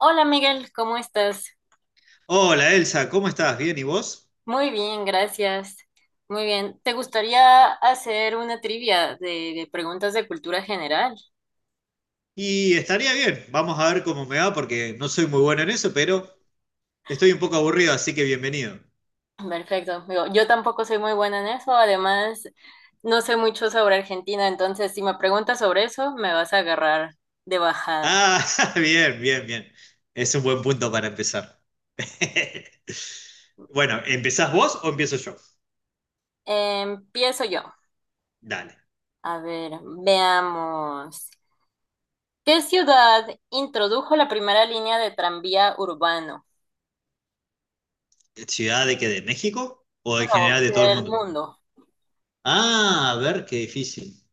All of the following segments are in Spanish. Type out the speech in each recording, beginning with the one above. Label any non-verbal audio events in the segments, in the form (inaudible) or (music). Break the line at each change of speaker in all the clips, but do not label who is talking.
Hola Miguel, ¿cómo estás?
Hola Elsa, ¿cómo estás? ¿Bien y vos?
Muy bien, gracias. Muy bien. ¿Te gustaría hacer una trivia de preguntas de cultura general?
Y estaría bien, vamos a ver cómo me va porque no soy muy bueno en eso, pero estoy un poco aburrido, así que bienvenido.
(clears throat) Perfecto. Digo, yo tampoco soy muy buena en eso. Además, no sé mucho sobre Argentina, entonces si me preguntas sobre eso, me vas a agarrar de bajada.
Ah, (laughs) bien. Es un buen punto para empezar. (laughs) Bueno, ¿empezás vos o empiezo yo?
Empiezo yo.
Dale.
A ver, veamos. ¿Qué ciudad introdujo la primera línea de tranvía urbano?
¿Ciudad de qué? ¿De México? ¿O
No,
en general de todo el
del
mundo?
mundo.
Ah, a ver, qué difícil.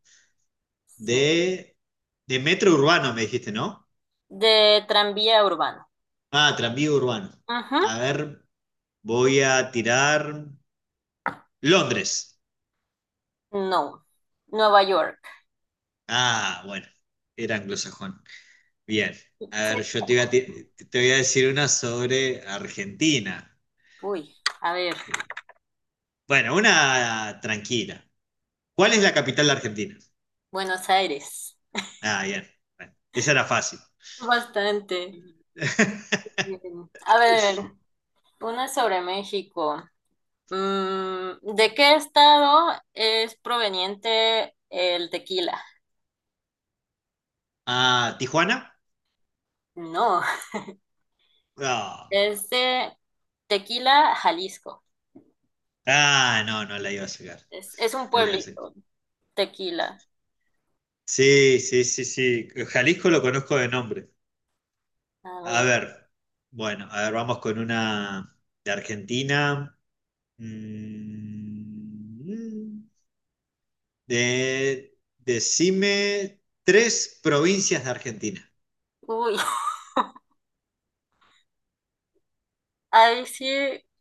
Sí.
De, de metro urbano me dijiste, ¿no?
De tranvía urbano.
Ah, tranvía urbano.
Ajá.
A ver, voy a tirar Londres.
No. Nueva York.
Ah, bueno, era anglosajón. Bien, a ver, yo te voy a, ti- te voy a decir una sobre Argentina.
Uy, a ver.
Bueno, una tranquila. ¿Cuál es la capital de Argentina?
Buenos Aires.
Ah, bien, bueno, esa era fácil.
Bastante.
(laughs)
Bien. A ver, una sobre México. ¿De qué estado es proveniente el tequila?
Ah, ¿Tijuana?
No,
No.
es de Tequila, Jalisco.
Ah, no, no la iba a sacar.
Es un
No la iba a sacar.
pueblito, Tequila.
Sí, sí, sí, sí. Jalisco lo conozco de nombre.
Ah,
A
mira.
ver, bueno, a ver, vamos con una de Argentina. Mm, decime tres provincias de Argentina.
Uy, ahí sí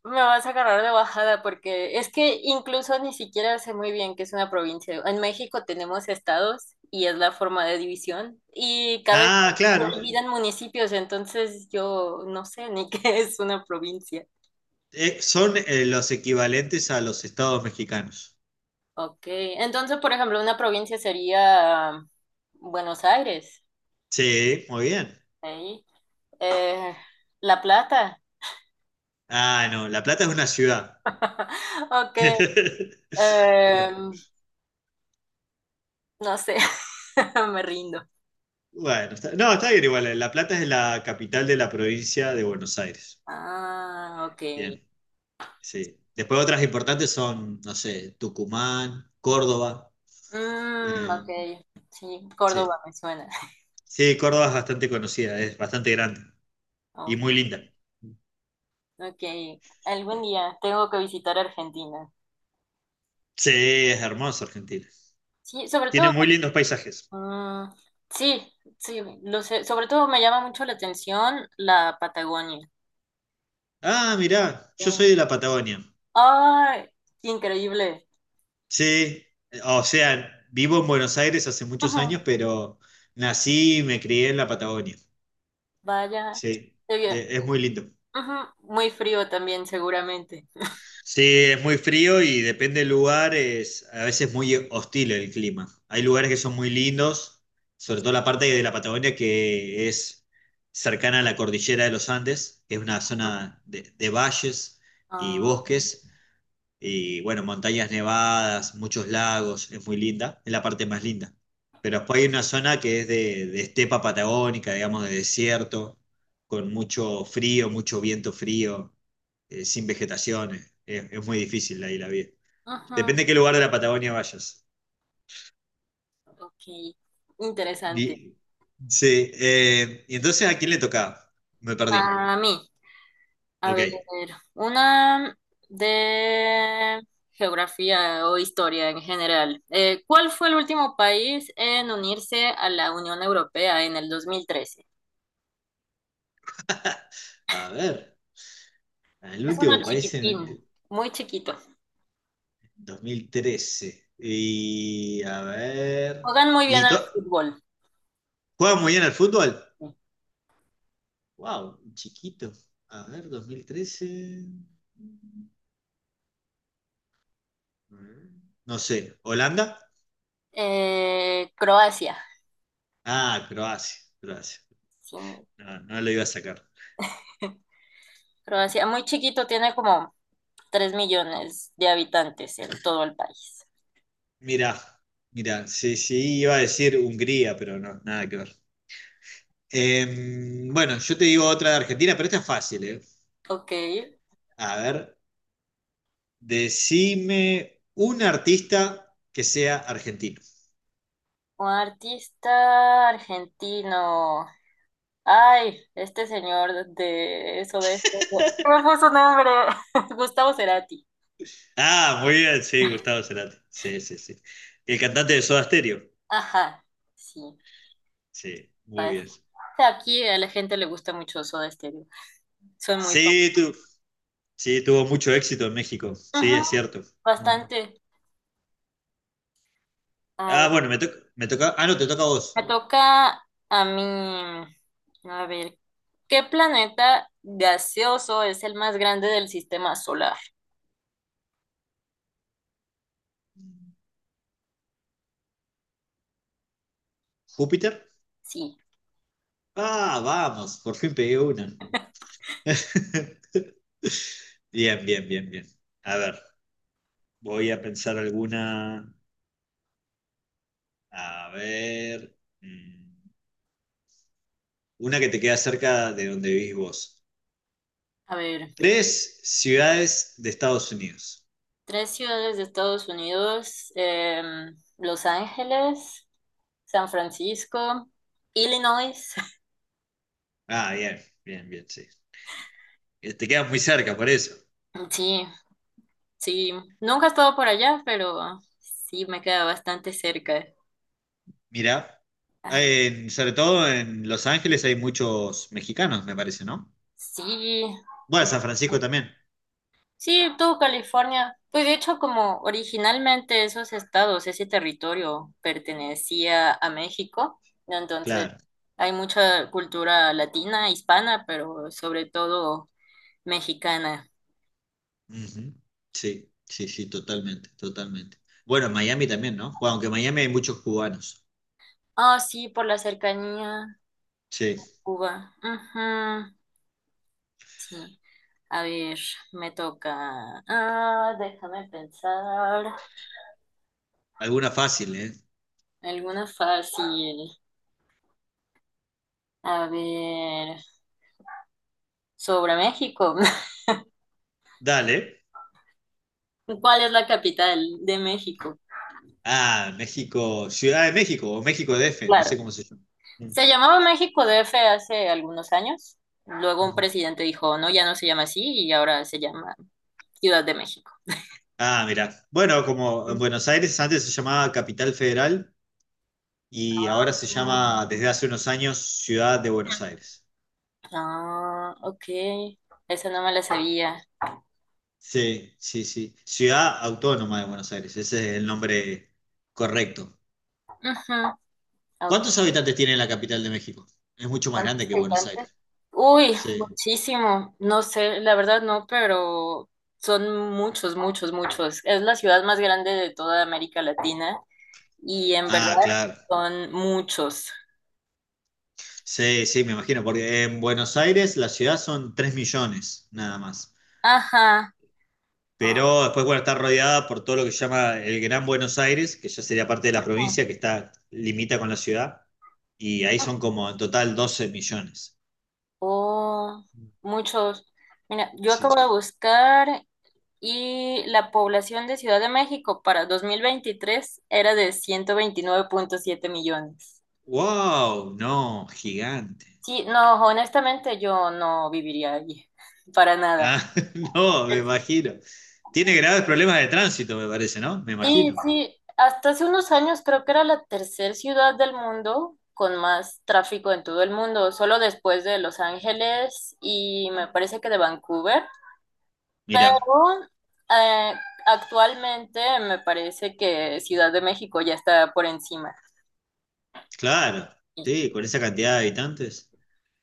me vas a agarrar de bajada porque es que incluso ni siquiera sé muy bien qué es una provincia. En México tenemos estados y es la forma de división y cada estado
Ah, claro.
se divide en municipios, entonces yo no sé ni (laughs) qué es una provincia.
Son los equivalentes a los estados mexicanos.
Ok, entonces por ejemplo una provincia sería Buenos Aires,
Sí, muy bien.
ahí. Eh, La Plata.
Ah, no, La Plata es una ciudad.
(laughs) Ok,
(laughs) Bu-
em, no sé, (laughs) me rindo.
Bueno, no, está bien igual. La Plata es la capital de la provincia de Buenos Aires.
Ah, ok.
Bien, sí. Después otras importantes son, no sé, Tucumán, Córdoba.
Mm,
eh,
ok, sí,
sí.
Córdoba me suena. (laughs)
Sí, Córdoba es bastante conocida, es bastante grande y
Oh,
muy linda.
ok, algún día tengo que visitar Argentina.
Sí, es hermoso Argentina.
Sí, sobre todo,
Tiene muy lindos paisajes.
mm, sí, sí, lo sé. Sobre todo me llama mucho la atención la Patagonia.
Ah, mirá, yo
Eh,
soy de la Patagonia.
¡Ay! Qué increíble.
Sí, o sea, vivo en Buenos Aires hace muchos años,
Ujú,
pero nací y me crié en la Patagonia.
vaya,
Sí,
qué bien.
es muy lindo.
Ujú, muy frío también, seguramente. (laughs)
Sí, es muy frío y depende del lugar, es a veces muy hostil el clima. Hay lugares que son muy lindos, sobre todo la parte de la Patagonia que es cercana a la cordillera de los Andes, que es una
Ujú,
zona de valles y
ah,
bosques. Y bueno, montañas nevadas, muchos lagos, es muy linda, es la parte más linda. Pero después hay una zona que es de estepa patagónica, digamos, de desierto, con mucho frío, mucho viento frío, sin vegetación. Es muy difícil ahí la vida. Depende de qué lugar de la Patagonia vayas.
ujú, ok, interesante.
Vi- Sí, y entonces ¿a quién le tocaba? Me perdí.
A mí. A
Ok.
ver, una de geografía o historia en general. ¿Cuál fue el último país en unirse a la Unión Europea en el 2013?
(laughs) A ver, el
Es uno
último país en...
chiquitín, muy chiquito.
2013. Y a ver.
Juegan muy bien al
Lito-
fútbol.
¿Juega muy bien al fútbol? Wow, chiquito. A ver, 2013. No sé, ¿Holanda?
Croacia.
Ah, Croacia.
Sí,
No, no lo iba a sacar.
Croacia, muy chiquito, tiene como 3 millones de habitantes en todo el país.
Mira, mira, sí, sí, iba a decir Hungría, pero no, nada que ver. Bueno, yo te digo otra de Argentina, pero esta es fácil, ¿eh?
Ok,
A ver, decime un artista que sea argentino.
un artista argentino. Ay, este señor de eso, de esto. ¿Cuál fue su nombre? (laughs) Gustavo Cerati.
Ah, muy bien, sí, Gustavo Cerati. Sí, sí, sí. El cantante de Soda Stereo.
Ajá, sí.
Sí, muy
Pues,
bien.
aquí a la gente le gusta mucho Soda Stereo. Soy muy fan.
Sí, sí, tuvo mucho éxito en México. Sí,
Ujú,
es cierto. Mm.
bastante. A
Ah,
ver,
bueno, me toca. Ah, no, te toca a
me
vos.
toca a mí. A ver, ¿qué planeta gaseoso es el más grande del sistema solar?
¿Júpiter?
Sí.
Ah, vamos, por fin pegué una. (laughs) Bien. A ver, voy a pensar alguna. A ver. Una que te queda cerca de donde vivís vos.
A ver.
Tres ciudades de Estados Unidos.
Tres ciudades de Estados Unidos, Los Ángeles, San Francisco, Illinois. (laughs)
Ah, bien, sí. Te quedas muy cerca, por eso.
Sí, sí, nunca he estado por allá, pero sí me queda bastante cerca.
Mirá,
Ay,
sobre todo en Los Ángeles hay muchos mexicanos, me parece, ¿no?
sí,
Bueno, San Francisco también,
sí, todo California. Pues de hecho, como originalmente esos estados, ese territorio pertenecía a México, entonces
claro.
hay mucha cultura latina, hispana, pero sobre todo mexicana.
Ujú. Sí, sí, sí, totalmente, totalmente. Bueno, en Miami también, ¿no? Bueno, aunque en Miami hay muchos cubanos.
Ah, sí, por la cercanía,
Sí,
Cuba. Ujú. A ver, me toca. Ah, déjame pensar.
alguna fácil, ¿eh?
Alguna fácil. A ver, sobre México.
Dale.
(laughs) ¿Cuál es la capital de México?
Ah, México, Ciudad de México o México DF, no
Claro.
sé cómo se llama. Mm.
Se llamaba México DF hace algunos años. Luego un presidente dijo, no, ya no se llama así y ahora se llama Ciudad de México.
Ah, mirá. Bueno, como en
Mm.
Buenos Aires antes se llamaba Capital Federal, y ahora se llama desde hace unos años Ciudad de Buenos Aires.
Ah, ok. Esa no me la sabía.
Sí, sí, sí. Ciudad Autónoma de Buenos Aires, ese es el nombre correcto.
Ujú, ok.
¿Cuántos habitantes tiene la capital de México? Es mucho más
¿Cuántos
grande que Buenos
habitantes?
Aires.
Uy,
Sí.
muchísimo. No sé, la verdad no, pero son muchos, muchos, muchos. Es la ciudad más grande de toda América Latina y en verdad
Ah, claro.
son muchos.
Sí, sí, me imagino, porque en Buenos Aires la ciudad son 3 millones nada más.
Ajá. Ajá.
Pero después, bueno, está rodeada por todo lo que se llama el Gran Buenos Aires, que ya sería parte de la provincia que está limita con la ciudad, y ahí son como en total 12 millones.
Oh, muchos. Mira, yo acabo
Sí.
de buscar y la población de Ciudad de México para 2023 era de 129,7 millones.
¡Wow! No, gigante.
Sí, no, honestamente yo no viviría allí, (laughs) para nada.
Ah, (laughs) no, me imagino. Tiene graves problemas de tránsito, me parece, ¿no? Me
Sí,
imagino.
sí, hasta hace unos años creo que era la tercer ciudad del mundo con más tráfico en todo el mundo, solo después de Los Ángeles y me parece que de Vancouver.
Mirá,
Pero, eh, actualmente me parece que Ciudad de México ya está por encima.
claro, sí, con esa cantidad de habitantes.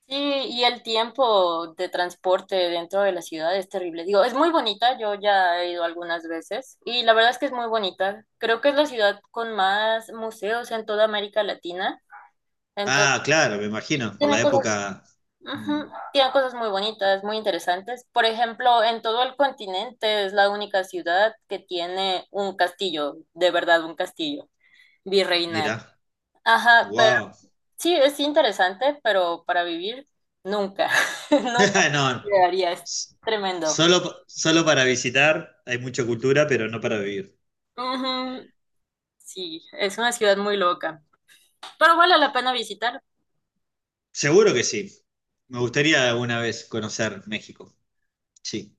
Sí, y el tiempo de transporte dentro de la ciudad es terrible. Digo, es muy bonita, yo ya he ido algunas veces y la verdad es que es muy bonita. Creo que es la ciudad con más museos en toda América Latina. Entonces,
Ah, claro, me
y
imagino, por
tiene
la
cosas,
época.
ujú,
Mm,
tiene cosas muy bonitas, muy interesantes. Por ejemplo, en todo el continente es la única ciudad que tiene un castillo, de verdad un castillo virreinal.
Mirá,
Ajá,
wow.
sí, es interesante, pero para vivir nunca, (laughs) nunca
(laughs) No,
llegaría, es
s-
tremendo.
solo para visitar, hay mucha cultura, pero no para vivir.
Ujú, sí, es una ciudad muy loca, pero vale la pena visitar.
Seguro que sí. Me gustaría alguna vez conocer México. Sí,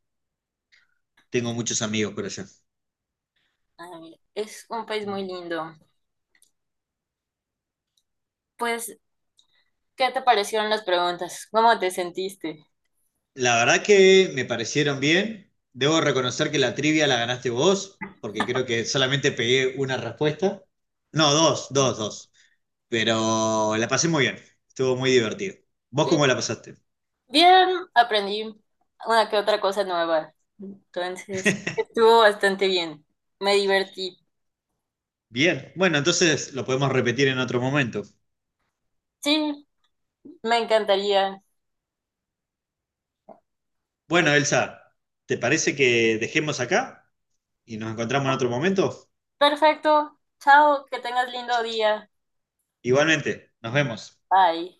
tengo muchos amigos por allá.
Ay, es un país muy lindo. Pues, ¿qué te parecieron las preguntas? ¿Cómo te sentiste?
La verdad que me parecieron bien. Debo reconocer que la trivia la ganaste vos, porque creo que solamente pegué una respuesta. No, dos. Pero la pasé muy bien. Estuvo muy divertido. ¿Vos
Sí,
cómo la pasaste?
bien, aprendí una que otra cosa nueva. Entonces, estuvo bastante bien. Me divertí.
Bien. Bueno, entonces lo podemos repetir en otro momento.
Sí, me encantaría.
Bueno, Elsa, ¿te parece que dejemos acá y nos encontramos en otro momento?
Perfecto. Chao, que tengas lindo día.
Igualmente, nos vemos.
Bye.